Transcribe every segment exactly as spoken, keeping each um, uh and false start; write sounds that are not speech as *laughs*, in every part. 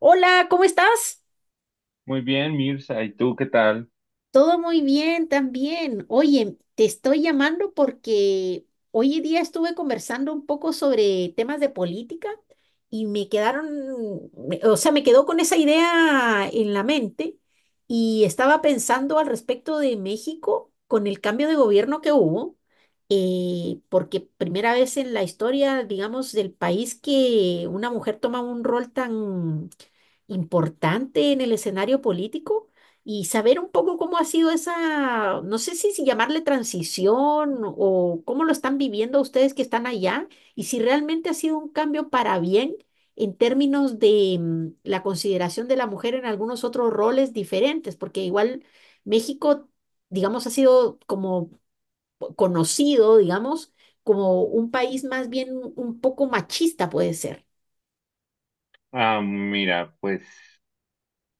Hola, ¿cómo estás? Muy bien, Mirza, ¿y tú qué tal? Todo muy bien también. Oye, te estoy llamando porque hoy en día estuve conversando un poco sobre temas de política y me quedaron, me- o sea, me quedó con esa idea en la mente y estaba pensando al respecto de México con el cambio de gobierno que hubo, eh, porque primera vez en la historia, digamos, del país que una mujer toma un rol tan importante en el escenario político. Y saber un poco cómo ha sido esa, no sé si, si llamarle transición o cómo lo están viviendo ustedes que están allá, y si realmente ha sido un cambio para bien en términos de mm, la consideración de la mujer en algunos otros roles diferentes, porque igual México, digamos, ha sido como po- conocido, digamos, como un país más bien un poco machista puede ser. Ah, mira, pues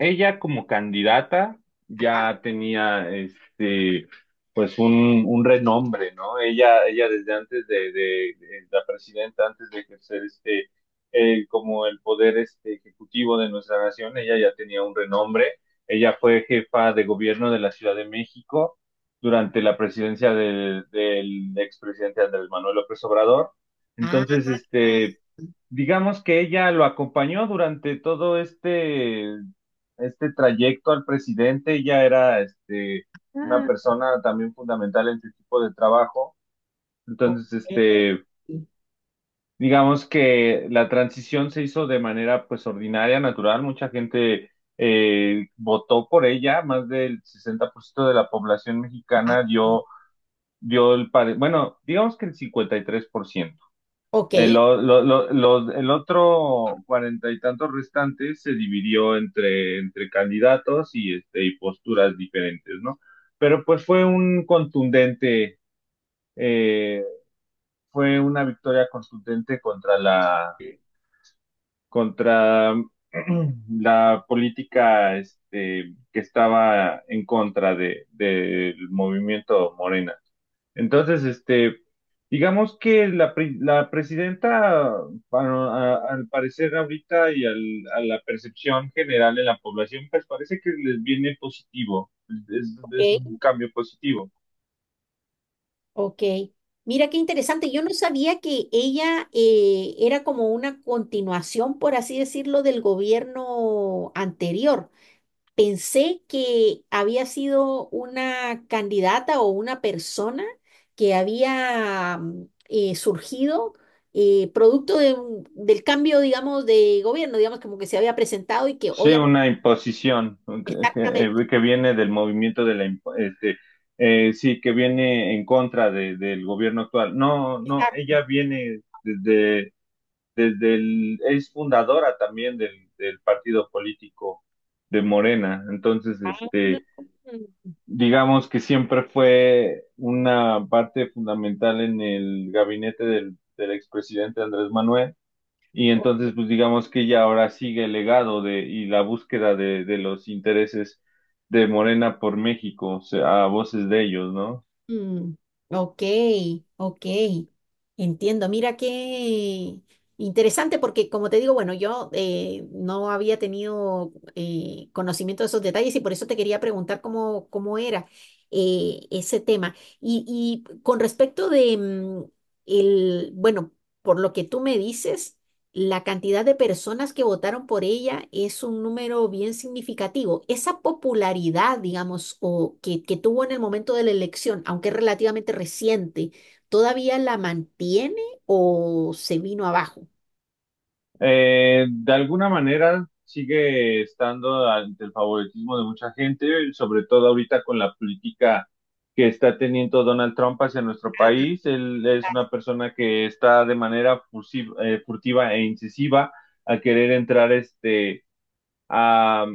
ella como candidata ya tenía este pues un, un renombre, ¿no? Ella, ella desde antes de, de- de la presidenta, antes de ejercer este eh, como el poder este ejecutivo de nuestra nación, ella ya tenía un renombre. Ella fue jefa de gobierno de la Ciudad de México durante la presidencia del, del expresidente Andrés Manuel López Obrador. Entonces, este digamos que ella lo acompañó durante todo este este trayecto al presidente. Ella era este, una Ah. persona también fundamental en su equipo de trabajo. O-. Entonces, este, digamos que la transición se hizo de manera pues ordinaria, natural. Mucha gente eh, votó por ella, más del sesenta por ciento de la población mexicana dio, dio el, pare- bueno, digamos que el cincuenta y tres por ciento Ok, el, o- lo- lo- los- el otro cuarenta y tantos restantes se dividió entre, entre candidatos y, este, y posturas diferentes, ¿no? Pero pues fue un contundente, eh, fue una victoria contundente contra la, contra *clears throat* la política, este, que estaba en contra de, del movimiento Morena. Entonces, este, digamos que la, pri- la presidenta, bueno, a- al parecer ahorita y al- a la percepción general de la población, pues parece que les viene positivo, es, es un ok. cambio positivo. Ok, mira qué interesante. Yo no sabía que ella eh, era como una continuación, por así decirlo, del gobierno anterior. Pensé que había sido una candidata o una persona que había mm, eh, surgido eh, producto de un- del cambio, digamos, de gobierno, digamos, como que se había presentado y que Sí, obviamente… una imposición que, Exactamente. eh, que viene del movimiento de la, imp- este, eh, sí, que viene en contra de- del gobierno actual. No, no, Exacto. ella viene desde desde el, es fundadora también del, del partido político de Morena. Entonces, este, Mm. digamos que siempre fue una parte fundamental en el gabinete del, del expresidente Andrés Manuel. Y entonces, pues digamos que ella ahora sigue el legado de, y la búsqueda de, de los intereses de Morena por México, o sea, a voces de ellos, ¿no? Mm, ok, ok, entiendo. Mira qué interesante porque como te digo, bueno, yo eh, no había tenido eh, conocimiento de esos detalles y por eso te quería preguntar cómo, cómo era eh, ese tema. Y, y con respecto de mm, el, bueno, por lo que tú me dices. La cantidad de personas que votaron por ella es un número bien significativo. Esa popularidad, digamos, o que, que tuvo en el momento de la elección, aunque es relativamente reciente, ¿todavía la mantiene o se vino abajo? Eh, de alguna manera sigue estando ante el favoritismo de mucha gente, sobre todo ahorita con la política que está teniendo Donald Trump hacia nuestro país. Él es una persona que está de manera fusi- eh, furtiva e incisiva a querer entrar este, a,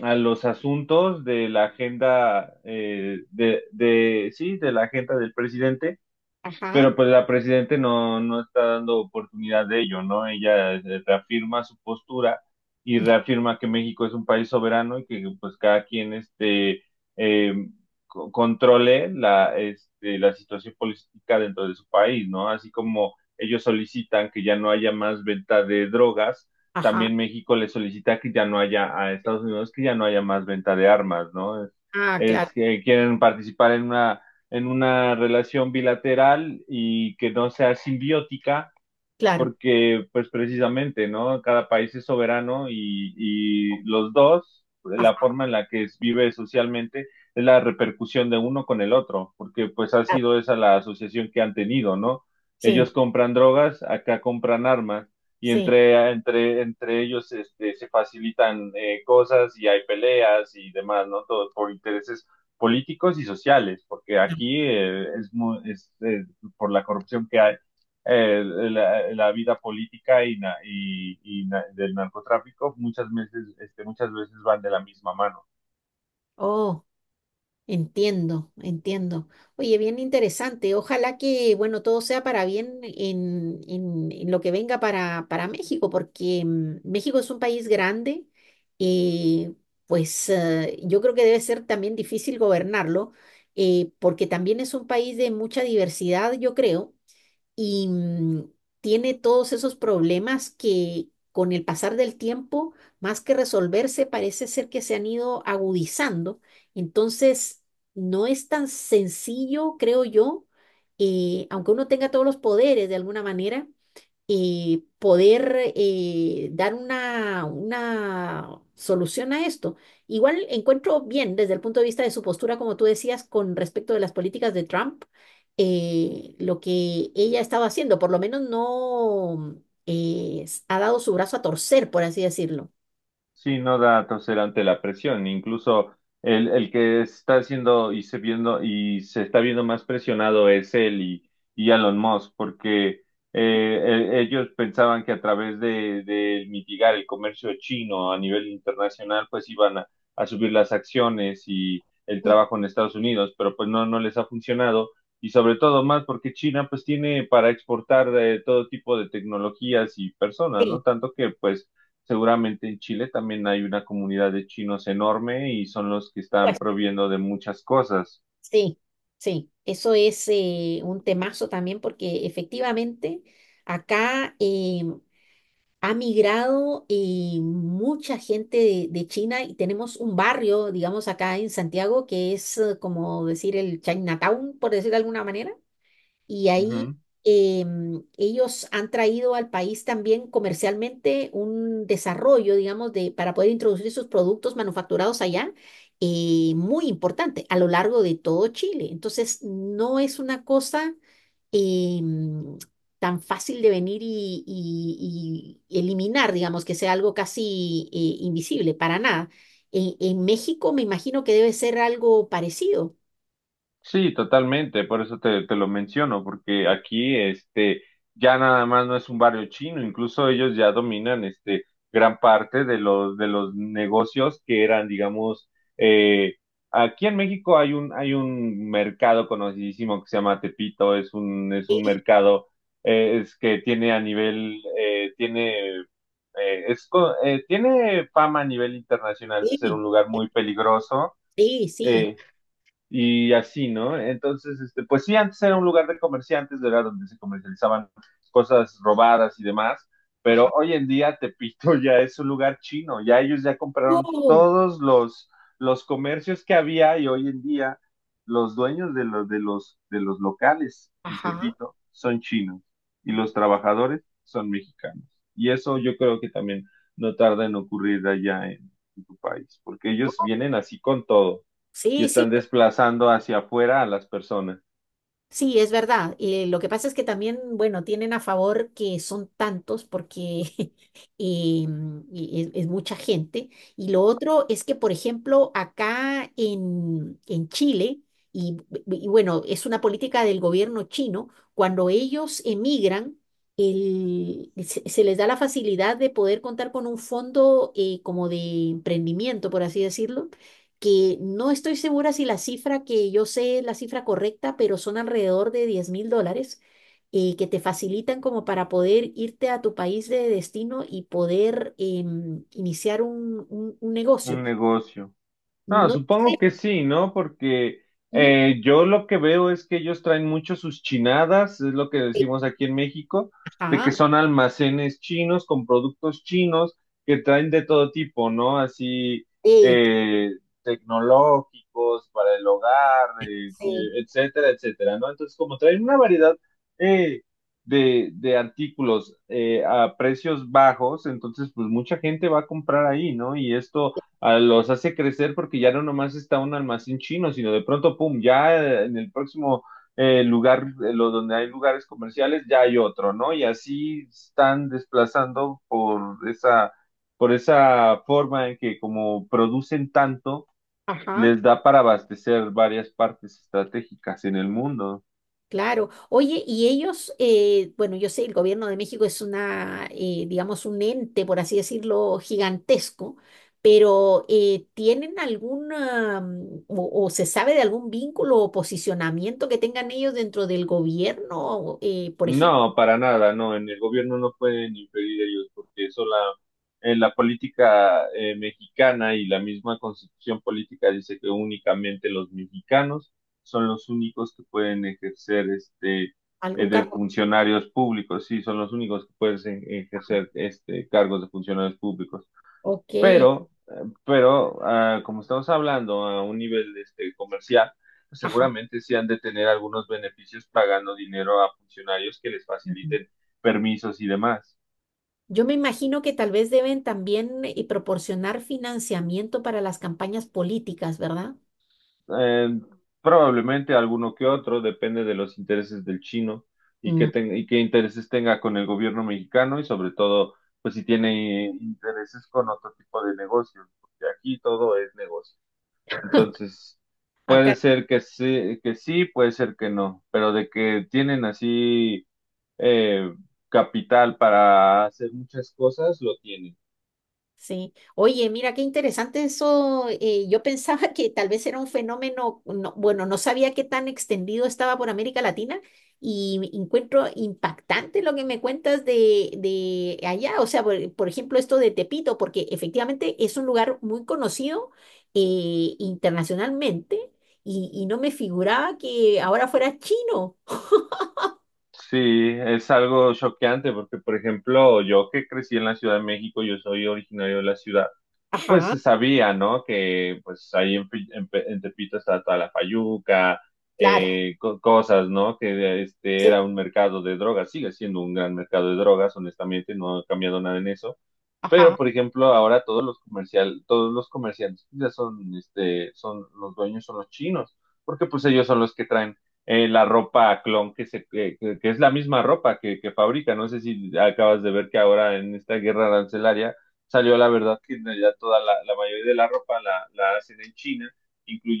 a los asuntos de la agenda eh, de, de, sí, de la agenda del presidente, Ajá. pero pues la presidente no, no está dando oportunidad de ello, ¿no? Ella eh, reafirma su postura y Mm. reafirma que México es un país soberano y que pues cada quien este, eh, co- controle la, este, la situación política dentro de su país, ¿no? Así como ellos solicitan que ya no haya más venta de drogas, Ajá. también México le solicita que ya no haya a Estados Unidos, que ya no haya más venta de armas, ¿no? Es, Ah, claro, Es que quieren participar en una en una relación bilateral y que no sea simbiótica, claro. porque pues precisamente, ¿no? Cada país es soberano y, y los dos, la Ajá, forma en la que es- vive socialmente es la repercusión de uno con el otro, porque pues ha claro. sido esa la asociación que han tenido, ¿no? Sí, Ellos compran drogas, acá compran armas y sí. entre, entre, entre ellos este, se facilitan eh, cosas y hay peleas y demás, ¿no? Todo por intereses políticos y sociales, porque No. aquí eh, es, mu- es eh, por la corrupción que hay, eh, la, la, vida política y, na, y, y na, del narcotráfico muchas veces, este, muchas veces van de la misma mano. Oh. Entiendo, entiendo. Oye, bien interesante. Ojalá que, bueno, todo sea para bien en, en- en lo que venga para, para México, porque mm, México es un país grande, y pues eh, yo creo que debe ser también difícil gobernarlo, eh, porque también es un país de mucha diversidad, yo creo, y mm, tiene todos esos problemas que, con el pasar del tiempo, más que resolverse, parece ser que se han ido agudizando. Entonces, no es tan sencillo, creo yo, eh, aunque uno tenga todos los poderes de alguna manera, eh, poder eh, dar una, una solución a esto. Igual encuentro bien desde el punto de vista de su postura, como tú decías, con respecto de las políticas de Trump, eh, lo que ella estaba haciendo, por lo menos no eh, s- ha dado su brazo a torcer, por así decirlo. Sí, no da a torcer ante la presión. Incluso el, el que está haciendo y se viendo y se está viendo más presionado es él y, y Elon Musk, porque eh, e- ellos pensaban que a través de, de mitigar el comercio chino a nivel internacional, pues iban a, a subir las acciones y el Mm. trabajo en Estados Unidos, pero pues no, no les ha funcionado. Y sobre todo más porque China pues tiene para exportar eh, todo tipo de tecnologías y personas, Sí, ¿no? Tanto que pues seguramente en Chile también hay una comunidad de chinos enorme y son los que están pues proviendo de muchas cosas. sí, sí, eso es eh, un temazo también porque efectivamente acá, eh, ha migrado eh, mucha gente de, de China, y tenemos un barrio, digamos, acá en Santiago, que es eh, como decir el Chinatown, por decir de alguna manera, y ahí Ujú. em, ellos han traído al país también comercialmente un desarrollo, digamos, de, para poder introducir sus productos manufacturados allá. Eh, muy importante a lo largo de todo Chile. Entonces, no es una cosa eh, mm, tan fácil de venir y, y- y eliminar, digamos, que sea algo casi eh, invisible, para nada. En, en México me imagino que debe ser algo parecido. Sí, totalmente, por eso te, te lo menciono, porque aquí este ya nada más no es un barrio chino, incluso ellos ya dominan este gran parte de los de los negocios que eran, digamos, eh, aquí en México hay un hay un mercado conocidísimo que se llama Tepito, es un es un Sí, mercado eh, es que tiene a nivel eh, tiene eh, es co- eh, tiene fama a nivel internacional de ser sí, un lugar muy peligroso, sí. Sí. eh, y así, ¿no? Entonces, este, pues sí, antes era un lugar de comerciantes, era donde se comercializaban cosas robadas y demás, pero Ajá. hoy en día Tepito *laughs* ya es un lugar chino, ya ellos ya compraron Oh, todos los, los comercios que había, y hoy en día los dueños de los, de los, de los locales en ajá. Tepito son chinos y los trabajadores son mexicanos. Y eso yo creo que también no tarda en ocurrir allá en, en tu país, porque No. ellos vienen así con todo y Sí, sí. están desplazando hacia afuera a las personas. Sí, es verdad. Eh, lo que pasa es que también, bueno, tienen a favor que son tantos porque *laughs* eh, mm, y es, es mucha gente. Y lo otro es que, por ejemplo, acá en, en Chile, y, b- b- y bueno, es una política del gobierno chino, cuando ellos emigran, el- se, se les da la facilidad de poder contar con un fondo eh, como de emprendimiento, por así decirlo, que no estoy segura si la cifra que yo sé es la cifra correcta, pero son alrededor de diez mil dólares eh, que te facilitan como para poder irte a tu país de destino y poder em, iniciar un, un- un negocio. Un negocio. Ah, No supongo sé. que sí, ¿no? Porque mm, eh, yo lo que veo es que ellos traen mucho sus chinadas, es lo que eh, decimos aquí en México, de que Ajá. son almacenes chinos con productos chinos que traen de todo tipo, ¿no? Así eh, eh, tecnológicos para el hogar, eh, sí, eh, etcétera, etcétera, ¿no? Entonces, como traen una variedad eh, de, de artículos eh, a precios bajos, entonces, pues mucha gente va a comprar ahí, ¿no? Y esto a- los hace crecer porque ya no nomás está un almacén chino, sino de pronto, pum, ya eh, en el próximo eh, lugar, eh, lo donde hay lugares comerciales, ya hay otro, ¿no? Y así están desplazando por esa, por esa forma en que como producen tanto, ajá. les da para abastecer varias partes estratégicas en el mundo. Claro. Oye, y ellos, eh, bueno, yo sé, el gobierno de México es una, eh, digamos, un ente, por así decirlo, gigantesco, pero eh, ¿tienen alguna, mm, o, o se sabe de algún vínculo o posicionamiento que tengan ellos dentro del gobierno? Eh, por ejemplo, No, para nada, no, en el gobierno no pueden inferir ellos, porque eso la, eh, la política eh, mexicana y la misma constitución política dice que únicamente los mexicanos son los únicos que pueden ejercer este eh, algún de cargo. funcionarios públicos, sí, son los únicos que pueden ejercer este cargos de funcionarios públicos. Ok, Pero, eh, pero ah, como estamos hablando a un nivel este, comercial, pues ajá. seguramente sí han de tener algunos beneficios pagando dinero a funcionarios que les Ujú. faciliten permisos y demás. Yo me imagino que tal vez deben también eh, proporcionar financiamiento para las campañas políticas, ¿verdad? Eh, Probablemente alguno que otro, depende de los intereses del chino y Mm. qué, ten- y qué intereses tenga con el gobierno mexicano y sobre todo, pues si tiene intereses con otro tipo de negocios, porque aquí todo es negocio. Entonces, puede Acá. ser que sí, que sí, puede ser que no, pero de que tienen así eh, capital para hacer muchas cosas, lo tienen. Sí, oye, mira qué interesante eso. Eh, yo pensaba que tal vez era un fenómeno, no- bueno, no sabía qué tan extendido estaba por América Latina, y encuentro impactante lo que me cuentas de, de allá. O sea, por, por ejemplo, esto de Tepito, porque efectivamente es un lugar muy conocido eh, internacionalmente, y, y no me figuraba que ahora fuera chino. Sí, es algo choqueante porque, por ejemplo, yo que crecí en la Ciudad de México, yo soy originario de la ciudad, pues Ajá, se sabía, ¿no? Que pues ahí en, Pi- en Pe- en Tepito estaba toda la fayuca, claro, eh, co- cosas, ¿no? Que este sí, era un mercado de drogas, sigue siendo un gran mercado de drogas, honestamente, no ha cambiado nada en eso. Pero, ajá, por ejemplo, ahora todos los comercial, todos los comerciantes ya son, este, son los dueños son los chinos, porque pues ellos son los que traen eh, la ropa clon que se, que, que- que es la misma ropa que, que fabrica. No sé si acabas de ver que ahora en esta guerra arancelaria salió la verdad que en realidad toda la, la mayoría de la ropa la, la hacen en China,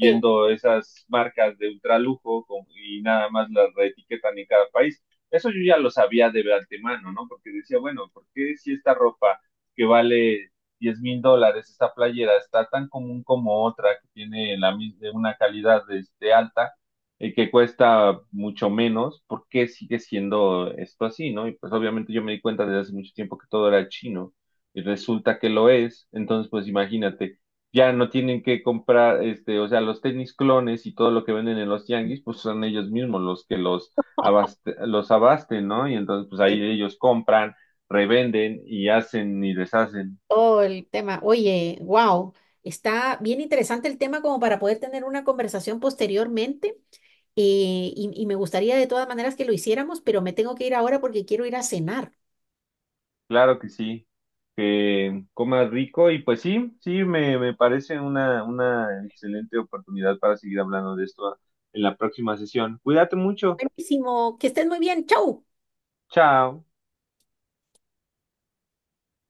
sí, esas marcas de ultralujo con- y nada más las reetiquetan en cada país. Eso yo ya lo sabía de antemano, ¿no? Porque decía, bueno, ¿por qué si esta ropa que vale diez mil dólares esta playera está tan común como otra que tiene la, mis- de una calidad de, de alta, eh, que cuesta mucho menos, ¿por qué sigue siendo esto así, no? Y pues obviamente yo me di cuenta desde hace mucho tiempo que todo era chino y resulta que lo es, entonces pues imagínate, ya no tienen que comprar, este, o sea, los tenis clones y todo lo que venden en los tianguis, pues son ellos mismos los que los abaste- los abasten, ¿no? Y entonces pues sí. ahí ellos compran, revenden y hacen y deshacen. Oh, el tema. Oye, wow, está bien interesante el tema como para poder tener una conversación posteriormente. Eh, y, y me gustaría de todas maneras que lo hiciéramos, pero me tengo que ir ahora porque quiero ir a cenar. Claro que sí, que comas rico y pues sí, sí, me, me parece una, una excelente oportunidad para seguir hablando de esto en la próxima sesión. Cuídate mucho. Buenísimo, que estés muy bien. Chau. Chao.